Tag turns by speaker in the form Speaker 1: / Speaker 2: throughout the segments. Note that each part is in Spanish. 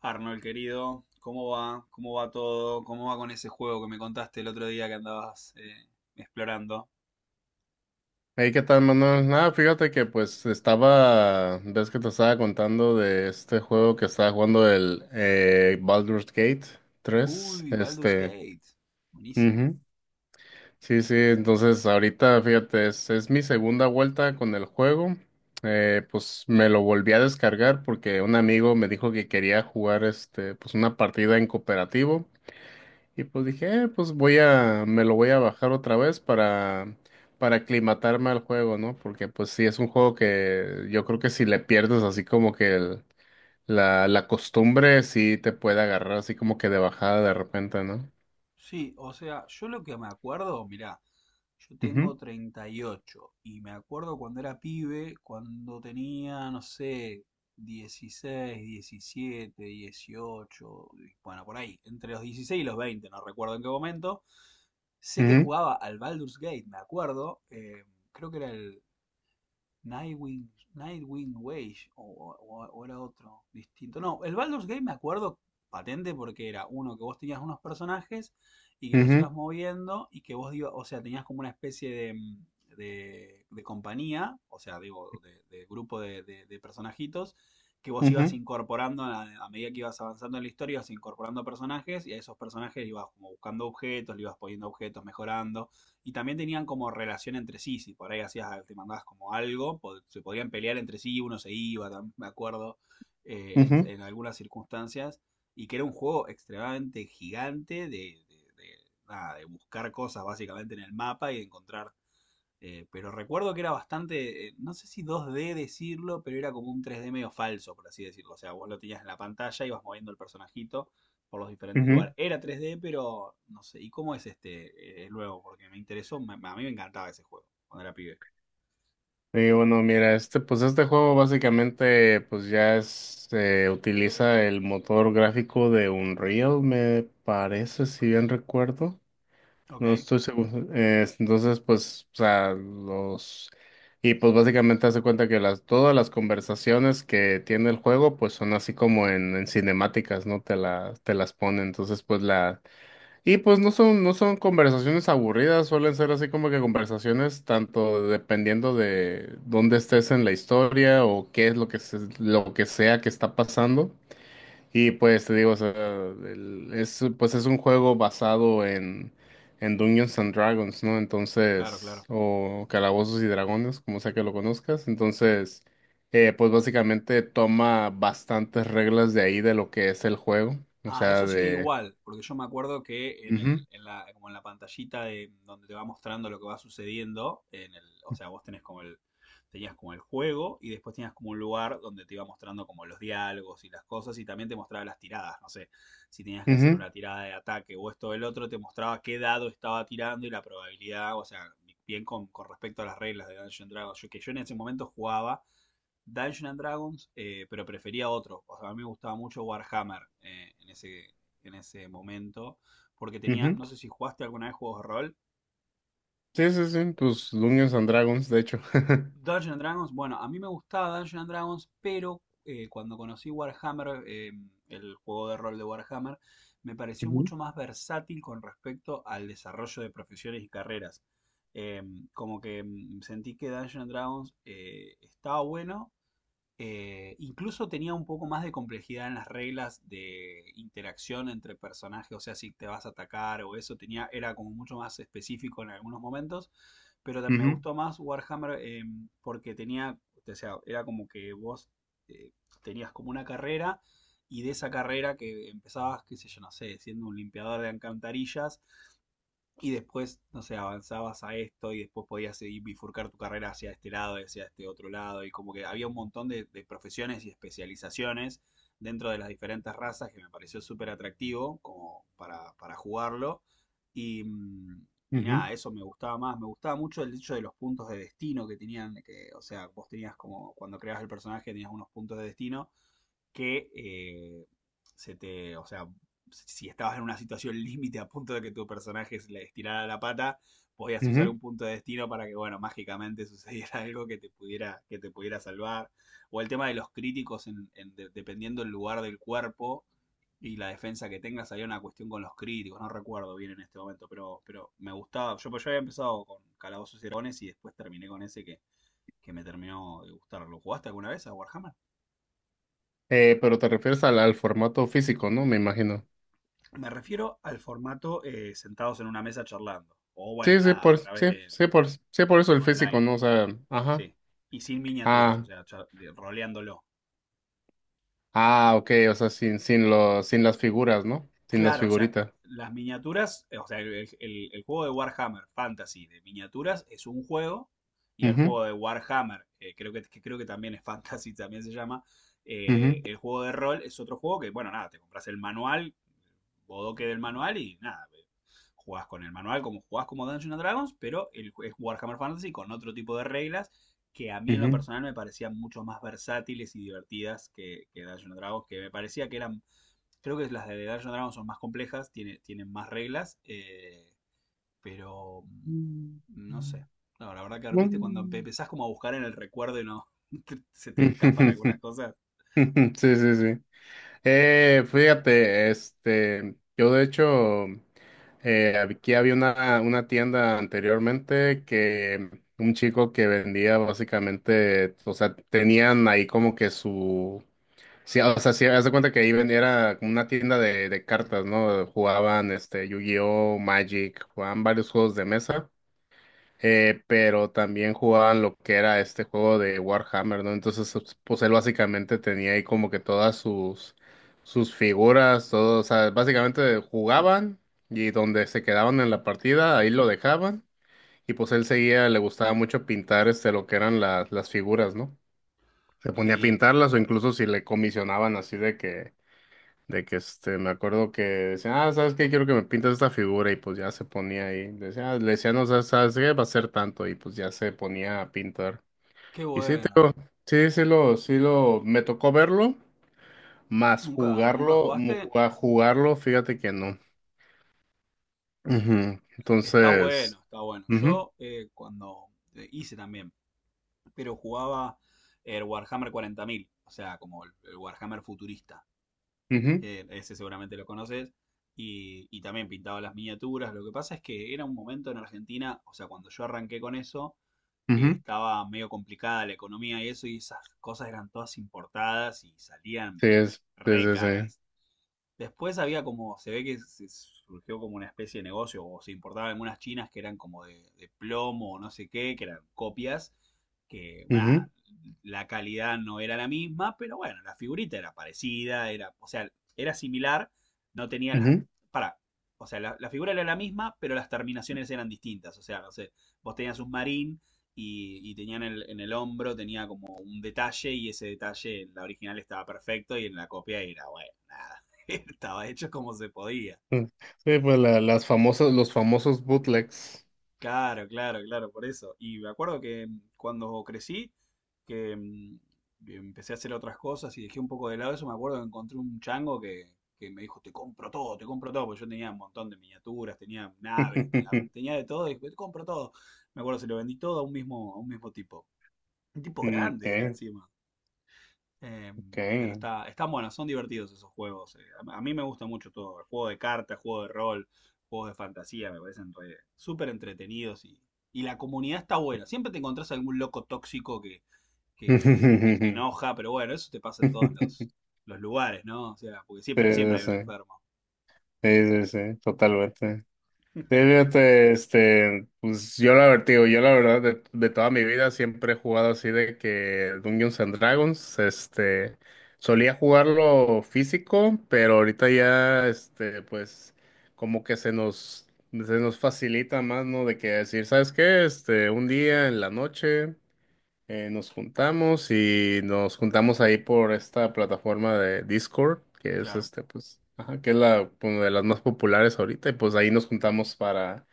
Speaker 1: Arnold, querido, ¿cómo va? ¿Cómo va todo? ¿Cómo va con ese juego que me contaste el otro día que andabas explorando?
Speaker 2: Hey, ¿qué tal, Manuel? Nada, fíjate que pues estaba, ves que te estaba contando de este juego que estaba jugando el Baldur's Gate tres,
Speaker 1: Uy, Baldur's Gate. Buenísimo.
Speaker 2: ujú. Sí, sí, entonces ahorita, fíjate, es mi segunda vuelta con el juego, pues me lo volví a descargar porque un amigo me dijo que quería jugar, pues una partida en cooperativo, y pues dije, pues voy a, me lo voy a bajar otra vez para aclimatarme al juego, ¿no? Porque pues sí, es un juego que yo creo que si le pierdes así como que la costumbre, sí te puede agarrar así como que de bajada de repente, ¿no?
Speaker 1: Sí, o sea, yo lo que me acuerdo, mirá, yo
Speaker 2: Ujú,
Speaker 1: tengo 38 y me acuerdo cuando era pibe, cuando tenía, no sé, 16, 17, 18, bueno, por ahí, entre los 16 y los 20, no recuerdo en qué momento. Sé que
Speaker 2: ujú,
Speaker 1: jugaba al Baldur's Gate, me acuerdo, creo que era el Nightwing, Nightwing Wage o, o era otro distinto. No, el Baldur's Gate me acuerdo patente porque era uno que vos tenías unos personajes y que los ibas
Speaker 2: ujú,
Speaker 1: moviendo y que vos ibas, o sea, tenías como una especie de, de compañía, o sea, digo, de grupo de, de personajitos que vos ibas
Speaker 2: ujú,
Speaker 1: incorporando a medida que ibas avanzando en la historia, ibas incorporando personajes y a esos personajes ibas como buscando objetos, le ibas poniendo objetos, mejorando, y también tenían como relación entre sí. Si por ahí hacías, te mandabas como algo, se podían pelear entre sí, uno se iba, me acuerdo,
Speaker 2: ujú,
Speaker 1: en algunas circunstancias, y que era un juego extremadamente gigante de, nada, de buscar cosas básicamente en el mapa y de encontrar. Pero recuerdo que era bastante, no sé si 2D decirlo, pero era como un 3D medio falso, por así decirlo. O sea, vos lo tenías en la pantalla, ibas moviendo el personajito por los diferentes
Speaker 2: ujú.
Speaker 1: lugares. Era 3D, pero no sé. ¿Y cómo es este el nuevo? Porque me interesó, a mí me encantaba ese juego cuando era pibe.
Speaker 2: Y bueno, mira, pues este juego básicamente pues ya utiliza el motor gráfico de Unreal, me parece, si bien recuerdo.
Speaker 1: Ok,
Speaker 2: No estoy seguro. Entonces, pues, o sea, los. Y pues básicamente hace cuenta que todas las conversaciones que tiene el juego, pues son así como en cinemáticas, ¿no? Te las pone. Entonces, pues la. Y pues no son conversaciones aburridas, suelen ser así como que conversaciones tanto dependiendo de dónde estés en la historia o qué es lo que sea que está pasando. Y pues te digo, o sea, pues es un juego basado en Dungeons and Dragons, ¿no?
Speaker 1: claro,
Speaker 2: Entonces,
Speaker 1: claro.
Speaker 2: o Calabozos y Dragones, como sea que lo conozcas. Entonces, pues básicamente toma bastantes reglas de ahí de lo que es el juego. O
Speaker 1: Ah,
Speaker 2: sea,
Speaker 1: eso sigue
Speaker 2: de.
Speaker 1: igual, porque yo me acuerdo que en el,
Speaker 2: Ujú,
Speaker 1: en la, como en la pantallita de donde te va mostrando lo que va sucediendo, en el, o sea, vos tenés como el, tenías como el juego y después tenías como un lugar donde te iba mostrando como los diálogos y las cosas, y también te mostraba las tiradas, no sé, si tenías que hacer
Speaker 2: ujú,
Speaker 1: una tirada de ataque o esto o el otro, te mostraba qué dado estaba tirando y la probabilidad, o sea, bien con respecto a las reglas de Dungeons and Dragons, yo, que yo en ese momento jugaba Dungeons and Dragons, pero prefería otro. O sea, a mí me gustaba mucho Warhammer en ese momento, porque tenía,
Speaker 2: ujú.
Speaker 1: no sé si jugaste alguna vez juegos de rol.
Speaker 2: Sí, sí, sí, pues Dungeons and Dragons, de hecho.
Speaker 1: Dungeons and Dragons, bueno, a mí me gustaba Dungeons and Dragons, pero cuando conocí Warhammer, el juego de rol de Warhammer, me pareció
Speaker 2: Ujú,
Speaker 1: mucho más versátil con respecto al desarrollo de profesiones y carreras. Eh, como que sentí que Dungeons and Dragons estaba bueno. Incluso tenía un poco más de complejidad en las reglas de interacción entre personajes, o sea, si te vas a atacar o eso, tenía, era como mucho más específico en algunos momentos, pero me
Speaker 2: ujú,
Speaker 1: gustó más Warhammer, porque tenía, o sea, era como que vos eh, tenías como una carrera y de esa carrera que empezabas, qué sé yo, no sé, siendo un limpiador de alcantarillas y después, no sé, avanzabas a esto y después podías seguir bifurcar tu carrera hacia este lado y hacia este otro lado. Y como que había un montón de profesiones y especializaciones dentro de las diferentes razas que me pareció súper atractivo como para jugarlo. Y, y
Speaker 2: ujú,
Speaker 1: nada, eso me gustaba más. Me gustaba mucho el hecho de los puntos de destino que tenían, que, o sea, vos tenías como cuando creabas el personaje tenías unos puntos de destino que se te, o sea, si estabas en una situación límite a punto de que tu personaje se le estirara la pata, podías usar
Speaker 2: ujú.
Speaker 1: un punto de destino para que, bueno, mágicamente sucediera algo que te pudiera salvar. O el tema de los críticos, en, de, dependiendo el lugar del cuerpo y la defensa que tengas, había una cuestión con los críticos, no recuerdo bien en este momento, pero me gustaba. Yo, pues, yo había empezado con Calabozos y Dragones y después terminé con ese que me terminó de gustar. ¿Lo jugaste alguna vez a Warhammer?
Speaker 2: Pero te refieres al, formato físico, ¿no? Me imagino.
Speaker 1: Me refiero al formato sentados en una mesa charlando. O
Speaker 2: Sí,
Speaker 1: bueno,
Speaker 2: sí,
Speaker 1: nada, a través de
Speaker 2: por eso el físico,
Speaker 1: online.
Speaker 2: ¿no? O sea, ajá.
Speaker 1: Sí. Y sin miniaturas, o
Speaker 2: Ah,
Speaker 1: sea, roleándolo.
Speaker 2: ah, ok, o sea, sin las figuras, ¿no? Sin las
Speaker 1: Claro, o sea,
Speaker 2: figuritas.
Speaker 1: las miniaturas, o sea, el, el juego de Warhammer Fantasy de miniaturas es un juego, y el
Speaker 2: Ujú,
Speaker 1: juego de Warhammer, creo que creo que también es Fantasy, también se llama,
Speaker 2: ujú,
Speaker 1: el juego de rol es otro juego que, bueno, nada, te compras el manual, bodoque del manual y nada, jugás con el manual como jugás como Dungeons and Dragons, pero el, es Warhammer Fantasy con otro tipo de reglas que a mí en lo
Speaker 2: ujú.
Speaker 1: personal me parecían mucho más versátiles y divertidas que Dungeons and Dragons, que me parecía que eran. Creo que las de Dungeons and Dragons son más complejas, tiene, tienen más reglas, pero
Speaker 2: Mm.
Speaker 1: no sé. No, la verdad que ahora, viste, cuando
Speaker 2: Mm.
Speaker 1: empezás como a buscar en el recuerdo y no se te escapan algunas cosas.
Speaker 2: Sí, sí, sí. Fíjate, yo de hecho, aquí había una tienda anteriormente que un chico que vendía básicamente, o sea, tenían ahí como que su. Sí, o sea, sí, haz de cuenta que ahí vendía era como una tienda de cartas, ¿no? Jugaban Yu-Gi-Oh, Magic, jugaban varios juegos de mesa, pero también jugaban lo que era este juego de Warhammer, ¿no? Entonces, pues, él básicamente tenía ahí como que todas sus figuras, todo, o sea, básicamente jugaban y donde se quedaban en la partida, ahí lo dejaban y pues él seguía, le gustaba mucho pintar lo que eran las figuras, ¿no? Se ponía a
Speaker 1: Sí,
Speaker 2: pintarlas o incluso si le comisionaban así de que me acuerdo que decía, ah, ¿sabes qué? Quiero que me pintes esta figura y pues ya se ponía ahí. Le decía, no, sabes qué? Va a ser tanto y pues ya se ponía a pintar.
Speaker 1: qué
Speaker 2: Y sí,
Speaker 1: bueno.
Speaker 2: sí lo, me tocó verlo, más
Speaker 1: ¿Nunca, nunca
Speaker 2: jugarlo,
Speaker 1: jugaste?
Speaker 2: jugarlo, fíjate que no. Ujú.
Speaker 1: Está
Speaker 2: Entonces,
Speaker 1: bueno, está bueno.
Speaker 2: ujú,
Speaker 1: Yo cuando hice también, pero jugaba el Warhammer 40.000, o sea, como el Warhammer futurista, que ese seguramente lo conoces, y también pintaba las miniaturas. Lo que pasa es que era un momento en Argentina, o sea, cuando yo arranqué con eso,
Speaker 2: ujú,
Speaker 1: que
Speaker 2: ujú.
Speaker 1: estaba medio complicada la economía y eso, y esas cosas eran todas importadas y salían
Speaker 2: Sí, sí,
Speaker 1: re
Speaker 2: sí, sí.
Speaker 1: caras. Después había como, se ve que se surgió como una especie de negocio, o se importaban algunas chinas que eran como de plomo o no sé qué, que eran copias, que, bueno, nada, la calidad no era la misma, pero bueno, la figurita era parecida, era, o sea, era similar, no tenía
Speaker 2: Ujú,
Speaker 1: las,
Speaker 2: ujú.
Speaker 1: para, o sea, la figura era la misma, pero las terminaciones eran distintas, o sea, no sé, vos tenías un marín y tenían el, en el hombro, tenía como un detalle y ese detalle en la original estaba perfecto y en la copia era, bueno, nada. Estaba hecho como se podía.
Speaker 2: Sí, sí, pues los famosos bootlegs.
Speaker 1: Claro, claro, claro, por eso. Y me acuerdo que cuando crecí, que empecé a hacer otras cosas y dejé un poco de lado eso, me acuerdo que encontré un chango que me dijo, te compro todo, porque yo tenía un montón de miniaturas, tenía naves, tenía, tenía de todo, y dijo, te compro todo. Me acuerdo, se lo vendí todo a un mismo tipo. Un tipo
Speaker 2: Mm,
Speaker 1: grande era
Speaker 2: okay,
Speaker 1: encima. Eh, pero
Speaker 2: okay.
Speaker 1: está, están buenos, son divertidos esos juegos. A mí me gusta mucho todo. El juego de cartas, juego de rol, juegos de fantasía, me parecen súper entretenidos y la comunidad está buena. Siempre te encontrás algún loco tóxico que, que se
Speaker 2: Sí,
Speaker 1: enoja, pero bueno, eso te pasa en todos los lugares, ¿no? O sea, porque
Speaker 2: sí,
Speaker 1: siempre, pero siempre hay
Speaker 2: sí,
Speaker 1: un enfermo.
Speaker 2: sí, sí, sí, totalmente. Sí, fíjate, pues yo la verdad de toda mi vida siempre he jugado así de que Dungeons and Dragons, solía jugarlo físico, pero ahorita ya, pues como que se nos facilita más, ¿no? De que decir, ¿sabes qué? Un día en la noche. Nos juntamos ahí por esta plataforma de Discord, que es
Speaker 1: Claro.
Speaker 2: pues, ajá, que es una de las más populares ahorita, y pues ahí nos juntamos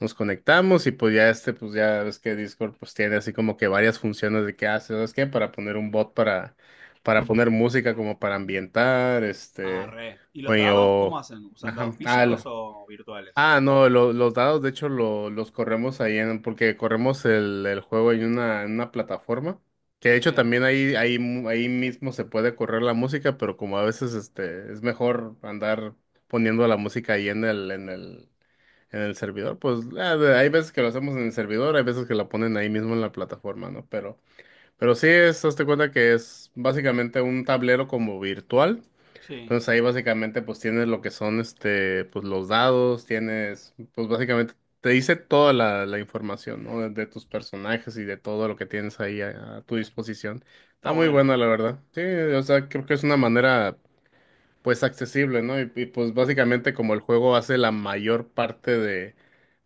Speaker 2: nos conectamos y pues ya pues ya ves que Discord pues tiene así como que varias funciones de qué hace, ¿sabes qué? Para poner un bot para poner música como para ambientar,
Speaker 1: Ah, re. ¿Y los
Speaker 2: oye,
Speaker 1: dados cómo hacen? ¿Usan
Speaker 2: ajá,
Speaker 1: dados
Speaker 2: ah,
Speaker 1: físicos o virtuales?
Speaker 2: Ah, no, los dados de hecho los corremos ahí porque corremos el juego en en una plataforma, que de hecho
Speaker 1: Sí,
Speaker 2: también ahí mismo se puede correr la música, pero como a veces es mejor andar poniendo la música ahí en el servidor, pues hay veces que lo hacemos en el servidor, hay veces que la ponen ahí mismo en la plataforma, ¿no? Pero sí hazte cuenta que es básicamente un tablero como virtual.
Speaker 1: sí.
Speaker 2: Entonces ahí básicamente pues tienes lo que son pues los dados, tienes pues básicamente te dice toda la información, ¿no? De tus personajes y de todo lo que tienes ahí a tu disposición.
Speaker 1: Está
Speaker 2: Está muy
Speaker 1: bueno.
Speaker 2: bueno, la verdad. Sí, o sea, creo que es una manera pues accesible, ¿no? Y, pues básicamente como el juego hace la mayor parte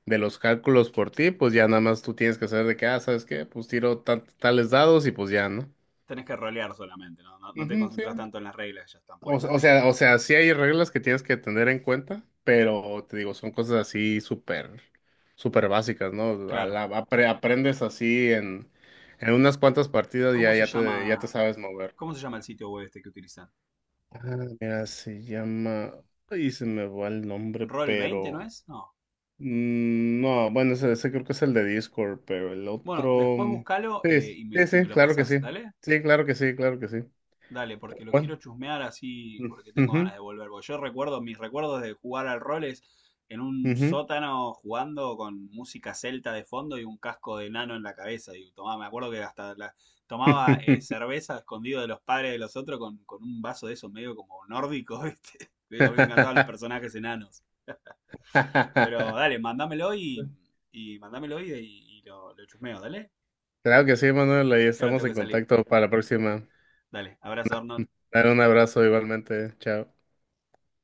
Speaker 2: de los cálculos por ti, pues ya nada más tú tienes que saber de qué, ah, ¿sabes qué? Pues tiro tales dados y pues ya, ¿no?
Speaker 1: Tenés que rolear solamente, ¿no? No, no te
Speaker 2: Ujú, sí.
Speaker 1: concentras tanto en las reglas, ya están puestas ahí.
Speaker 2: O sea, sí hay reglas que tienes que tener en cuenta, pero te digo, son cosas así súper, súper básicas, ¿no?
Speaker 1: Claro.
Speaker 2: Aprendes así en unas cuantas partidas
Speaker 1: ¿Cómo se
Speaker 2: ya te
Speaker 1: llama,
Speaker 2: sabes mover.
Speaker 1: cómo se llama el sitio web este que utilizan?
Speaker 2: Ah, mira, se llama. Ay, se me va el nombre,
Speaker 1: ¿Roll 20, no
Speaker 2: pero.
Speaker 1: es? No.
Speaker 2: No, bueno, ese creo que es el de Discord, pero el
Speaker 1: Bueno,
Speaker 2: otro.
Speaker 1: después buscalo
Speaker 2: Sí, sí, sí,
Speaker 1: y
Speaker 2: sí,
Speaker 1: me lo
Speaker 2: claro que
Speaker 1: pasás,
Speaker 2: sí.
Speaker 1: ¿dale?
Speaker 2: Sí, claro que sí, claro que sí.
Speaker 1: Dale, porque lo quiero
Speaker 2: Bueno.
Speaker 1: chusmear así, porque tengo ganas
Speaker 2: Ujú,
Speaker 1: de volver. Porque yo recuerdo, mis recuerdos de jugar al rol es en un
Speaker 2: ujú.
Speaker 1: sótano jugando con música celta de fondo y un casco de nano en la cabeza. Y tomaba, me acuerdo que hasta tomaba cerveza escondido de los padres de los otros con un vaso de esos medio como nórdico, ¿viste? A mí me encantaban los personajes enanos. Pero dale, mándamelo y lo chusmeo, dale.
Speaker 2: Claro que sí, Manuel, ahí
Speaker 1: Que ahora
Speaker 2: estamos
Speaker 1: tengo
Speaker 2: en
Speaker 1: que salir.
Speaker 2: contacto para la próxima.
Speaker 1: Dale, abrazo, Arnold.
Speaker 2: Dale un abrazo igualmente, chao.